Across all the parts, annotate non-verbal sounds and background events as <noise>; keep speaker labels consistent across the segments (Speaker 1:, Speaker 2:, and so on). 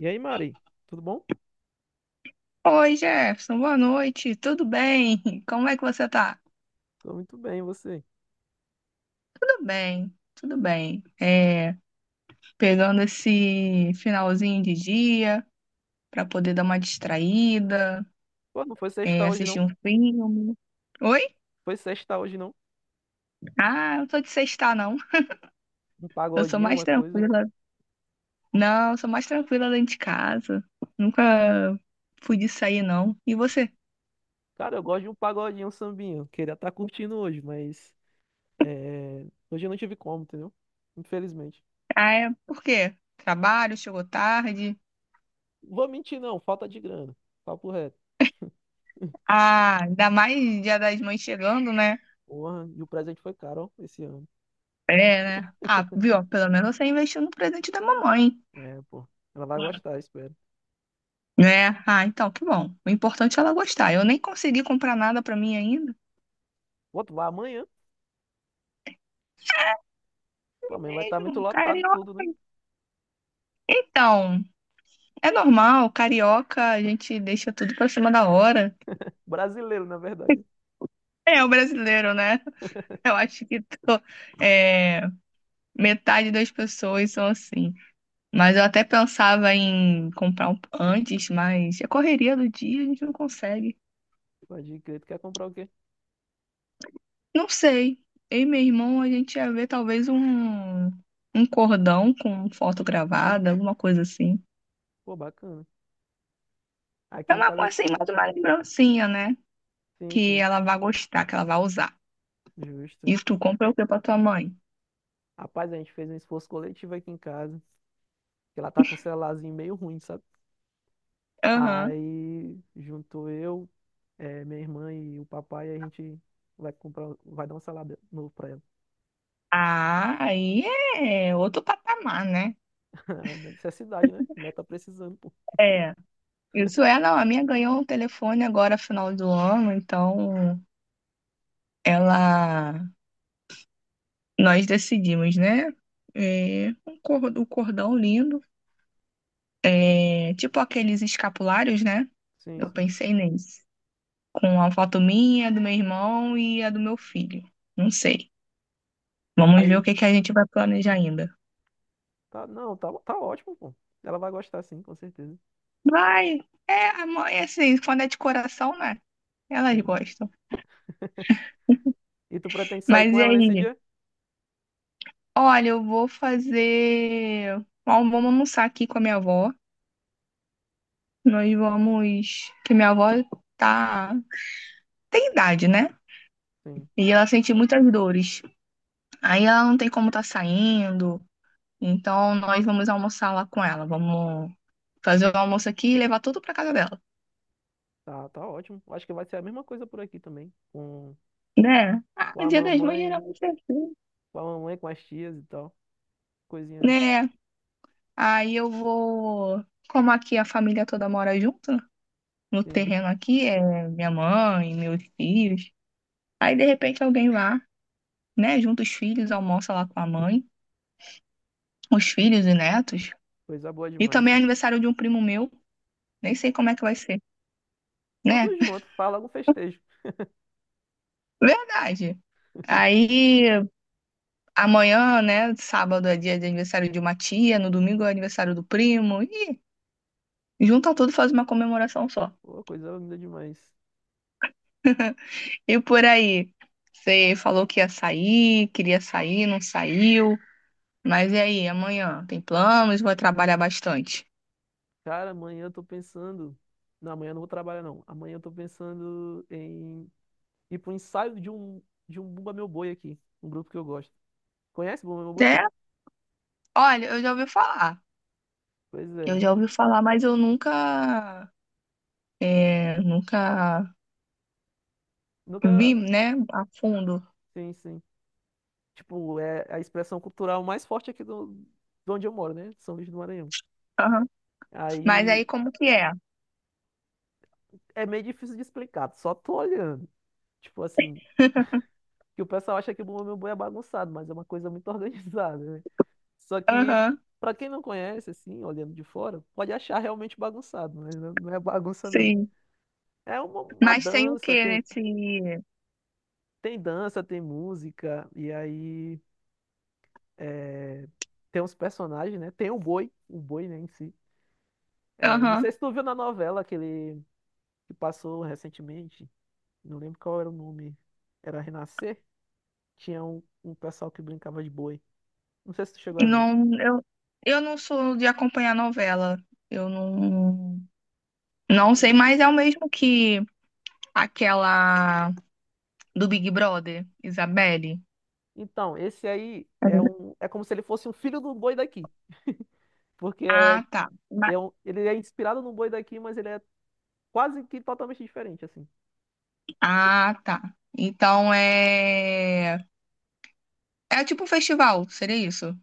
Speaker 1: E aí, Mari? Tudo bom?
Speaker 2: Oi, Jefferson, boa noite, tudo bem? <laughs> Como é que você tá?
Speaker 1: Tô muito bem, e você?
Speaker 2: Tudo bem. Pegando esse finalzinho de dia para poder dar uma distraída,
Speaker 1: Pô, não foi sexta hoje,
Speaker 2: assistir
Speaker 1: não?
Speaker 2: um filme. Oi?
Speaker 1: Foi sexta hoje, não?
Speaker 2: Ah, eu não sou de sexta, não.
Speaker 1: Um
Speaker 2: Eu sou
Speaker 1: pagodinho,
Speaker 2: mais
Speaker 1: uma coisa.
Speaker 2: tranquila. Não, eu sou mais tranquila dentro de casa. Nunca fui de sair, não. E você?
Speaker 1: Cara, eu gosto de um pagodinho, um sambinho. Queria estar curtindo hoje, mas é, hoje eu não tive como, entendeu? Infelizmente.
Speaker 2: Ah, é, por quê? Trabalho, chegou tarde.
Speaker 1: Vou mentir, não. Falta de grana. Papo reto. <laughs>
Speaker 2: Ah, ainda mais Dia das Mães chegando, né?
Speaker 1: Porra, e o presente foi caro, ó, esse ano.
Speaker 2: É, né? Ah, viu? Pelo menos você investiu no presente da mamãe,
Speaker 1: É, pô. Ela vai gostar, espero.
Speaker 2: né? Ah, então, que bom. O importante é ela gostar. Eu nem consegui comprar nada pra mim ainda.
Speaker 1: Pô, tu vai amanhã? Pô, amanhã vai
Speaker 2: É
Speaker 1: estar muito
Speaker 2: mesmo,
Speaker 1: lotado
Speaker 2: carioca.
Speaker 1: tudo, né?
Speaker 2: Então, é normal, carioca, a gente deixa tudo pra cima da hora.
Speaker 1: Brasileiro, na verdade.
Speaker 2: É, o brasileiro, né?
Speaker 1: <laughs>
Speaker 2: Eu acho que é, metade das pessoas são assim. Mas eu até pensava em comprar um antes, mas a correria do dia a gente não consegue.
Speaker 1: Pode crer, tu quer comprar o quê?
Speaker 2: Não sei. Eu e meu irmão, a gente ia ver um cordão com foto gravada, alguma coisa assim.
Speaker 1: Pô, bacana. Aqui
Speaker 2: É
Speaker 1: em
Speaker 2: uma coisa
Speaker 1: casa,
Speaker 2: assim, mais uma lembrancinha, né?
Speaker 1: sim,
Speaker 2: Que
Speaker 1: sim.
Speaker 2: ela vai gostar, que ela vai usar. E
Speaker 1: Justo.
Speaker 2: tu compra o que pra tua mãe?
Speaker 1: Rapaz, a gente fez um esforço coletivo aqui em casa, que ela tá com um celularzinho meio ruim, sabe?
Speaker 2: Aham.
Speaker 1: Aí juntou eu, minha irmã e o papai, e a gente vai comprar, vai dar um celular novo pra ela.
Speaker 2: Ah, aí é outro patamar, né?
Speaker 1: <laughs> Necessidade, né? Ela tá precisando, pô.
Speaker 2: É. Isso é, não. A minha ganhou um telefone agora, final do ano, então ela. Nós decidimos, né? É, o cordão lindo. É, tipo aqueles escapulários, né?
Speaker 1: Sim,
Speaker 2: Eu
Speaker 1: sim.
Speaker 2: pensei nesse, com a foto minha, do meu irmão e a do meu filho. Não sei. Vamos ver
Speaker 1: Aí,
Speaker 2: o que que a gente vai planejar ainda.
Speaker 1: tá, não, tá, tá ótimo, pô. Ela vai gostar, sim, com certeza.
Speaker 2: Vai! É, a mãe, assim, quando é de coração, né? Elas
Speaker 1: Sim.
Speaker 2: gostam.
Speaker 1: E tu pretende sair
Speaker 2: Mas
Speaker 1: com
Speaker 2: e
Speaker 1: ela nesse
Speaker 2: aí?
Speaker 1: dia?
Speaker 2: Olha, eu vou fazer. Ó, vamos almoçar aqui com a minha avó. Nós vamos. Que minha avó tá. Tem idade, né?
Speaker 1: Sim.
Speaker 2: E ela sente muitas dores. Aí ela não tem como tá saindo. Então, nós vamos almoçar lá com ela. Vamos fazer o almoço aqui e levar tudo pra casa dela.
Speaker 1: Tá, tá ótimo. Acho que vai ser a mesma coisa por aqui também, com,
Speaker 2: Né? Ah,
Speaker 1: com
Speaker 2: o
Speaker 1: a
Speaker 2: Dia das Mães
Speaker 1: mamãe,
Speaker 2: geralmente é assim.
Speaker 1: com a mamãe, com as tias e tal. Coisinhas.
Speaker 2: Né? Aí eu vou. Como aqui a família toda mora junto, né? No
Speaker 1: Sim,
Speaker 2: terreno aqui, é minha mãe, meus filhos. Aí, de repente, alguém lá, né? Junta os filhos, almoça lá com a mãe, os filhos e netos.
Speaker 1: coisa boa
Speaker 2: E
Speaker 1: demais.
Speaker 2: também é aniversário de um primo meu. Nem sei como é que vai ser, né?
Speaker 1: Tudo junto, fala algum festejo.
Speaker 2: <laughs> Verdade.
Speaker 1: <laughs>
Speaker 2: Aí. Amanhã, né? Sábado é dia de aniversário de uma tia, no domingo é aniversário do primo. E junta tudo, faz uma comemoração só.
Speaker 1: Pô, coisa linda demais.
Speaker 2: E por aí, você falou que ia sair, queria sair, não saiu. Mas e aí, amanhã? Tem planos? Vai trabalhar bastante?
Speaker 1: Cara, amanhã eu tô pensando. Não, amanhã eu não vou trabalhar, não. Amanhã eu tô pensando em ir pro ensaio de um Bumba Meu Boi aqui. Um grupo que eu gosto. Conhece Bumba Meu Boi?
Speaker 2: É, olha, eu já ouvi falar.
Speaker 1: Pois
Speaker 2: Eu
Speaker 1: é.
Speaker 2: já ouvi falar, mas eu nunca
Speaker 1: Nunca.
Speaker 2: vi, né, a fundo.
Speaker 1: Sim, sim. Tipo, é a expressão cultural mais forte aqui do, de onde eu moro, né? São Luís do Maranhão.
Speaker 2: Aham. Mas
Speaker 1: Aí
Speaker 2: aí como que é?
Speaker 1: é meio difícil de explicar, só tô olhando. Tipo assim, que o pessoal acha que o Bumblebee Boi é bagunçado, mas é uma coisa muito <laughs> organizada, né? Só que,
Speaker 2: Aham,
Speaker 1: pra quem não conhece, assim, olhando de fora, pode achar realmente bagunçado, mas não é bagunça, não.
Speaker 2: sim.
Speaker 1: É uma
Speaker 2: Mas tem o
Speaker 1: dança,
Speaker 2: que
Speaker 1: tem,
Speaker 2: nesse.
Speaker 1: tem dança, tem música, e aí é, tem uns personagens, né? Tem o boi, né, em si. É, não sei
Speaker 2: Aham.
Speaker 1: se tu viu na novela que ele que passou recentemente, não lembro qual era o nome, era Renascer? Tinha um, um pessoal que brincava de boi. Não sei se tu chegou a ver.
Speaker 2: Não, eu, eu não sou de acompanhar novela. Eu não, não sei, mas é o mesmo que aquela do Big Brother, Isabelle.
Speaker 1: Então, esse aí é um, é como se ele fosse um filho do boi daqui, porque é,
Speaker 2: Ah, tá. Ma-
Speaker 1: é um- ele é inspirado no boi daqui, mas ele é quase que totalmente diferente, assim.
Speaker 2: Ah, tá. Então é. É tipo um festival, seria isso?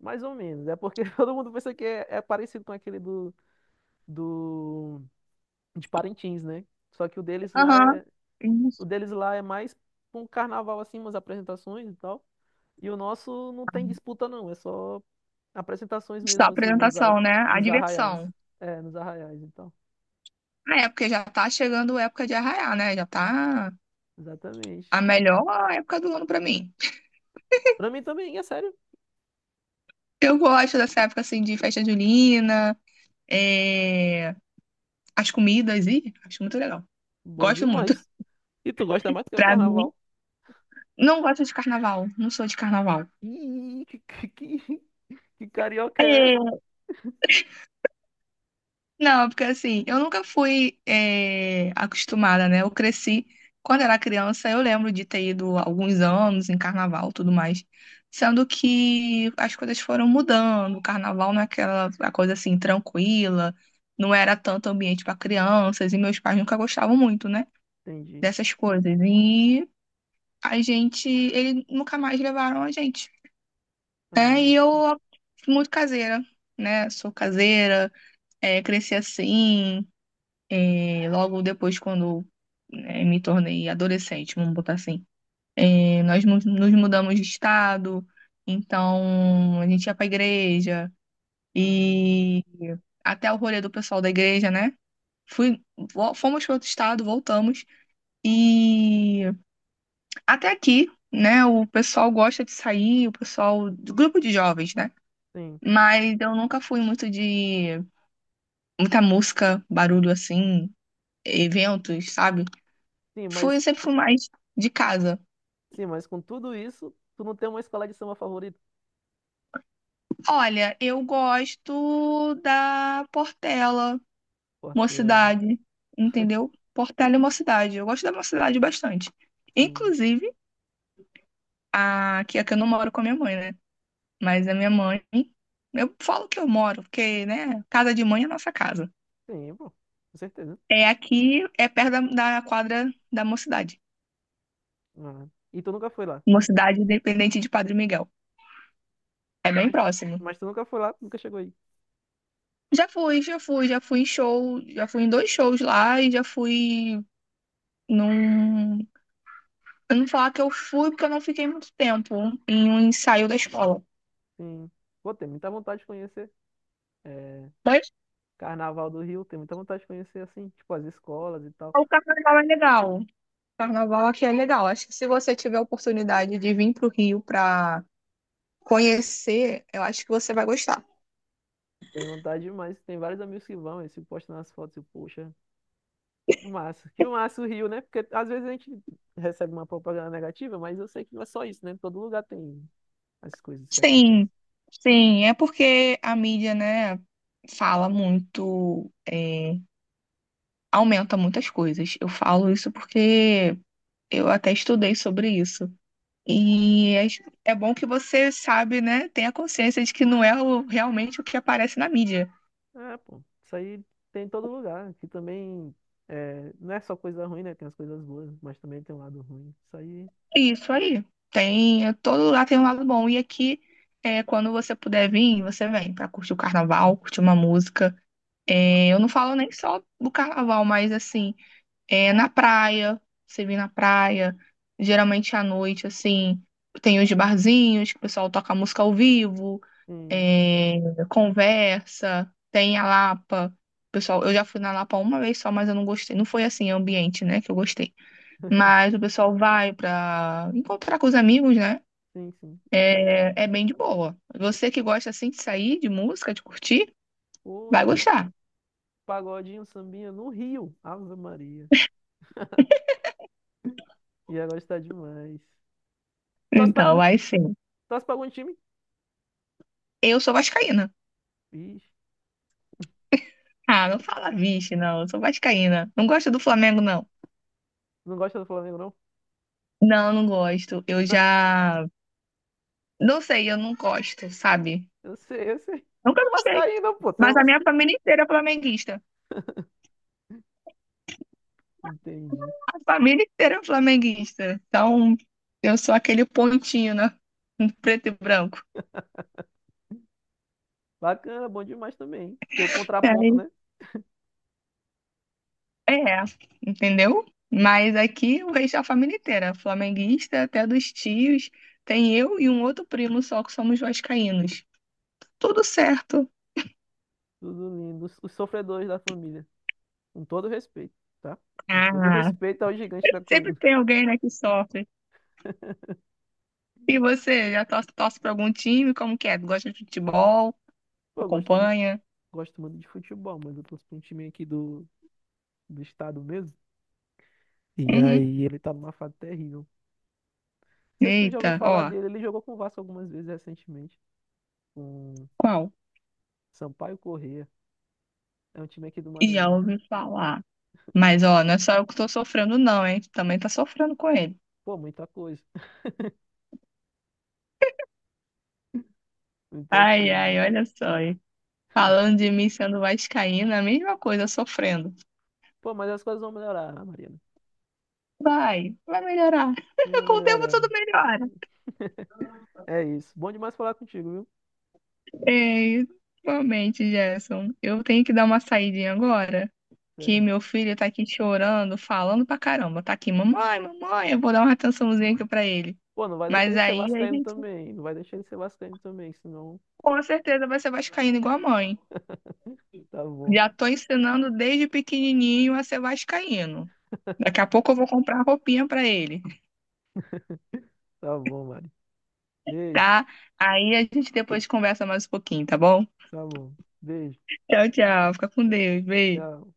Speaker 1: Mais ou menos. É porque <laughs> todo mundo pensa que é, é parecido com aquele do, do de Parintins, né? Só que o deles lá
Speaker 2: Aham.
Speaker 1: é, o
Speaker 2: Isso.
Speaker 1: deles lá é mais um carnaval assim, umas apresentações e tal. E o nosso não tem disputa não, é só apresentações
Speaker 2: Só
Speaker 1: mesmo assim nos a-
Speaker 2: apresentação, né? A
Speaker 1: nos arraiais.
Speaker 2: diversão.
Speaker 1: É, nos arraiais, então.
Speaker 2: Ah, é, porque já tá chegando a época de arraiar, né? Já tá
Speaker 1: Exatamente.
Speaker 2: a melhor época do ano pra mim.
Speaker 1: Pra mim também, é sério.
Speaker 2: Eu gosto dessa época assim de festa junina. é, as comidas e acho muito legal.
Speaker 1: Bom
Speaker 2: Gosto muito.
Speaker 1: demais. E tu gosta mais do que o
Speaker 2: Pra mim,
Speaker 1: carnaval?
Speaker 2: não gosto de carnaval, não sou de carnaval.
Speaker 1: Ih, que, <laughs> que carioca é essa?
Speaker 2: É, não, porque assim, eu nunca fui acostumada, né? Eu cresci, quando era criança, eu lembro de ter ido alguns anos em carnaval, e tudo mais. Sendo que as coisas foram mudando, o carnaval não é aquela a coisa assim tranquila, não era tanto ambiente para crianças, e meus pais nunca gostavam muito, né?
Speaker 1: Entendi.
Speaker 2: Dessas coisas. E a gente, eles nunca mais levaram a gente, né?
Speaker 1: Ah,
Speaker 2: E
Speaker 1: sim.
Speaker 2: eu muito caseira, né? Sou caseira, cresci assim, logo depois quando né, me tornei adolescente, vamos botar assim. É, nos mudamos de estado, então a gente ia pra igreja
Speaker 1: Ah,
Speaker 2: e até o rolê do pessoal da igreja, né? Fui, fomos para outro estado, voltamos e até aqui, né? O pessoal gosta de sair, o pessoal do grupo de jovens, né?
Speaker 1: sim.
Speaker 2: Mas eu nunca fui muito de muita música, barulho assim, eventos, sabe?
Speaker 1: Sim,
Speaker 2: Fui
Speaker 1: mas,
Speaker 2: sempre fui mais de casa.
Speaker 1: sim, mas com tudo isso, tu não tem uma escola de samba favorita?
Speaker 2: Olha, eu gosto da Portela,
Speaker 1: Portela.
Speaker 2: Mocidade, entendeu? Portela e Mocidade. Eu gosto da Mocidade bastante.
Speaker 1: Sim.
Speaker 2: Inclusive, a... que aqui eu não moro com a minha mãe, né? Mas a minha mãe eu falo que eu moro, porque, né, casa de mãe é nossa casa.
Speaker 1: Sim, pô. Com certeza.
Speaker 2: É aqui, é perto da quadra da Mocidade.
Speaker 1: Ah, e tu nunca foi lá?
Speaker 2: Mocidade Independente de Padre Miguel. É bem
Speaker 1: Mas,
Speaker 2: próximo.
Speaker 1: mas tu nunca foi lá, nunca chegou aí.
Speaker 2: Já fui em show, já fui em 2 shows lá e já fui num. Eu não vou falar que eu fui porque eu não fiquei muito tempo em um ensaio da escola.
Speaker 1: Sim. Pô, tem muita vontade de conhecer. É,
Speaker 2: Mas
Speaker 1: Carnaval do Rio, tem muita vontade de conhecer, assim, tipo, as escolas e tal.
Speaker 2: o carnaval é legal. O carnaval aqui é legal. Acho que se você tiver a oportunidade de vir para o Rio para conhecer, eu acho que você vai gostar.
Speaker 1: Tem vontade demais. Tem vários amigos que vão, eles se postam nas fotos e, poxa. Que massa o Rio, né? Porque às vezes a gente recebe uma propaganda negativa, mas eu sei que não é só isso, né? Todo lugar tem as coisas que
Speaker 2: Sim,
Speaker 1: acontecem.
Speaker 2: sim, é porque a mídia, né, fala muito, aumenta muitas coisas. Eu falo isso porque eu até estudei sobre isso. E é bom que você sabe, né, tem a consciência de que não é realmente o que aparece na mídia.
Speaker 1: É, pô, isso aí tem em todo lugar. Aqui também é, não é só coisa ruim, né? Tem as coisas boas, mas também tem um lado ruim. Isso aí.
Speaker 2: É isso aí, tem, é, todo lugar tem um lado bom. E aqui, é, quando você puder vir, você vem pra curtir o carnaval, curtir uma música.
Speaker 1: Deixa eu- lá.
Speaker 2: É, eu não falo nem só do carnaval, mas assim. É, na praia, você vir na praia, geralmente à noite, assim, tem os barzinhos que o pessoal toca música ao vivo,
Speaker 1: Sim,
Speaker 2: é, conversa, tem a Lapa. Pessoal, eu já fui na Lapa uma vez só, mas eu não gostei. Não foi assim, ambiente, né, que eu gostei. Mas o pessoal vai pra encontrar com os amigos, né?
Speaker 1: sim, sim. Ga-
Speaker 2: É, é bem de boa. Você que gosta assim de sair, de música, de curtir, vai
Speaker 1: Poxa,
Speaker 2: gostar.
Speaker 1: pagodinho, sambinha no Rio. Ave Maria. Ia gostar demais. Torce pra,
Speaker 2: Então,
Speaker 1: algum ti-
Speaker 2: vai sim.
Speaker 1: torce pra algum time?
Speaker 2: Eu sou vascaína.
Speaker 1: Ixi,
Speaker 2: Ah, não fala vixe, não. Eu sou vascaína. Não gosto do Flamengo, não.
Speaker 1: não gosta do Flamengo, não?
Speaker 2: Não, não gosto. Eu
Speaker 1: Não,
Speaker 2: já. Não sei, eu não gosto, sabe?
Speaker 1: eu sei, eu sei.
Speaker 2: Nunca
Speaker 1: É
Speaker 2: gostei.
Speaker 1: vascaíno, pô, tu é.
Speaker 2: Mas a minha família inteira é flamenguista.
Speaker 1: Entendi.
Speaker 2: A família inteira é flamenguista. Então, eu sou aquele pontinho, né? <laughs> Preto e branco.
Speaker 1: Bacana, bom demais também. Teu contraponto,
Speaker 2: É,
Speaker 1: né?
Speaker 2: é, é. Entendeu? Mas aqui o resto é a família inteira, flamenguista, até dos tios. Tem eu e um outro primo só que somos vascaínos. Tudo certo.
Speaker 1: Tudo lindo. Os sofredores da família. Com todo respeito, tá? Com todo <laughs>
Speaker 2: Ah,
Speaker 1: respeito ao gigante da
Speaker 2: sempre
Speaker 1: colina.
Speaker 2: tem alguém, né, que sofre. E você, já torce para algum time? Como que é? Gosta de futebol?
Speaker 1: Pô, eu
Speaker 2: Acompanha?
Speaker 1: gosto muito de futebol, mas eu torço pra um time aqui do, do estado mesmo. E
Speaker 2: Uhum.
Speaker 1: aí ele tá numa fase terrível. Não sei se tu já ouviu
Speaker 2: Eita, ó,
Speaker 1: falar dele. Ele jogou com o Vasco algumas vezes recentemente. Com
Speaker 2: qual?
Speaker 1: Sampaio Corrêa. É um time aqui do
Speaker 2: Já
Speaker 1: Maranhão.
Speaker 2: ouvi falar. Mas, ó, não é só eu que tô sofrendo, não, hein? Também tá sofrendo com ele.
Speaker 1: Pô, muita coisa. <laughs> Muita
Speaker 2: Ai,
Speaker 1: coisa.
Speaker 2: ai, olha só, hein? Falando de mim sendo vascaína, a mesma coisa, sofrendo.
Speaker 1: Pô, mas as coisas vão melhorar, Mariana.
Speaker 2: Vai, vai melhorar.
Speaker 1: Vão
Speaker 2: <laughs> Com o tempo
Speaker 1: melhorar.
Speaker 2: tudo melhora.
Speaker 1: <laughs> É isso. Bom demais falar contigo,
Speaker 2: Ei, realmente, Gerson, eu tenho que dar uma saidinha agora.
Speaker 1: viu?
Speaker 2: Que
Speaker 1: É.
Speaker 2: meu filho tá aqui chorando, falando pra caramba. Tá aqui, mamãe, mamãe, eu vou dar uma atençãozinha aqui pra ele.
Speaker 1: Pô, não vai deixar
Speaker 2: Mas
Speaker 1: ele ser
Speaker 2: aí a
Speaker 1: vascaíno
Speaker 2: gente
Speaker 1: também. Não vai deixar ele ser vascaíno também, senão.
Speaker 2: com certeza vai ser vascaíno igual a mãe.
Speaker 1: <laughs> Tá bom.
Speaker 2: Já tô ensinando desde pequenininho a ser vascaíno. Daqui a pouco eu vou comprar roupinha pra ele,
Speaker 1: Tá bom, Mari. Beijo.
Speaker 2: tá? Aí a gente depois conversa mais um pouquinho, tá bom?
Speaker 1: Tá bom. Beijo.
Speaker 2: Tchau, tchau. Fica com
Speaker 1: Tch-
Speaker 2: Deus. Beijo.
Speaker 1: Tchau.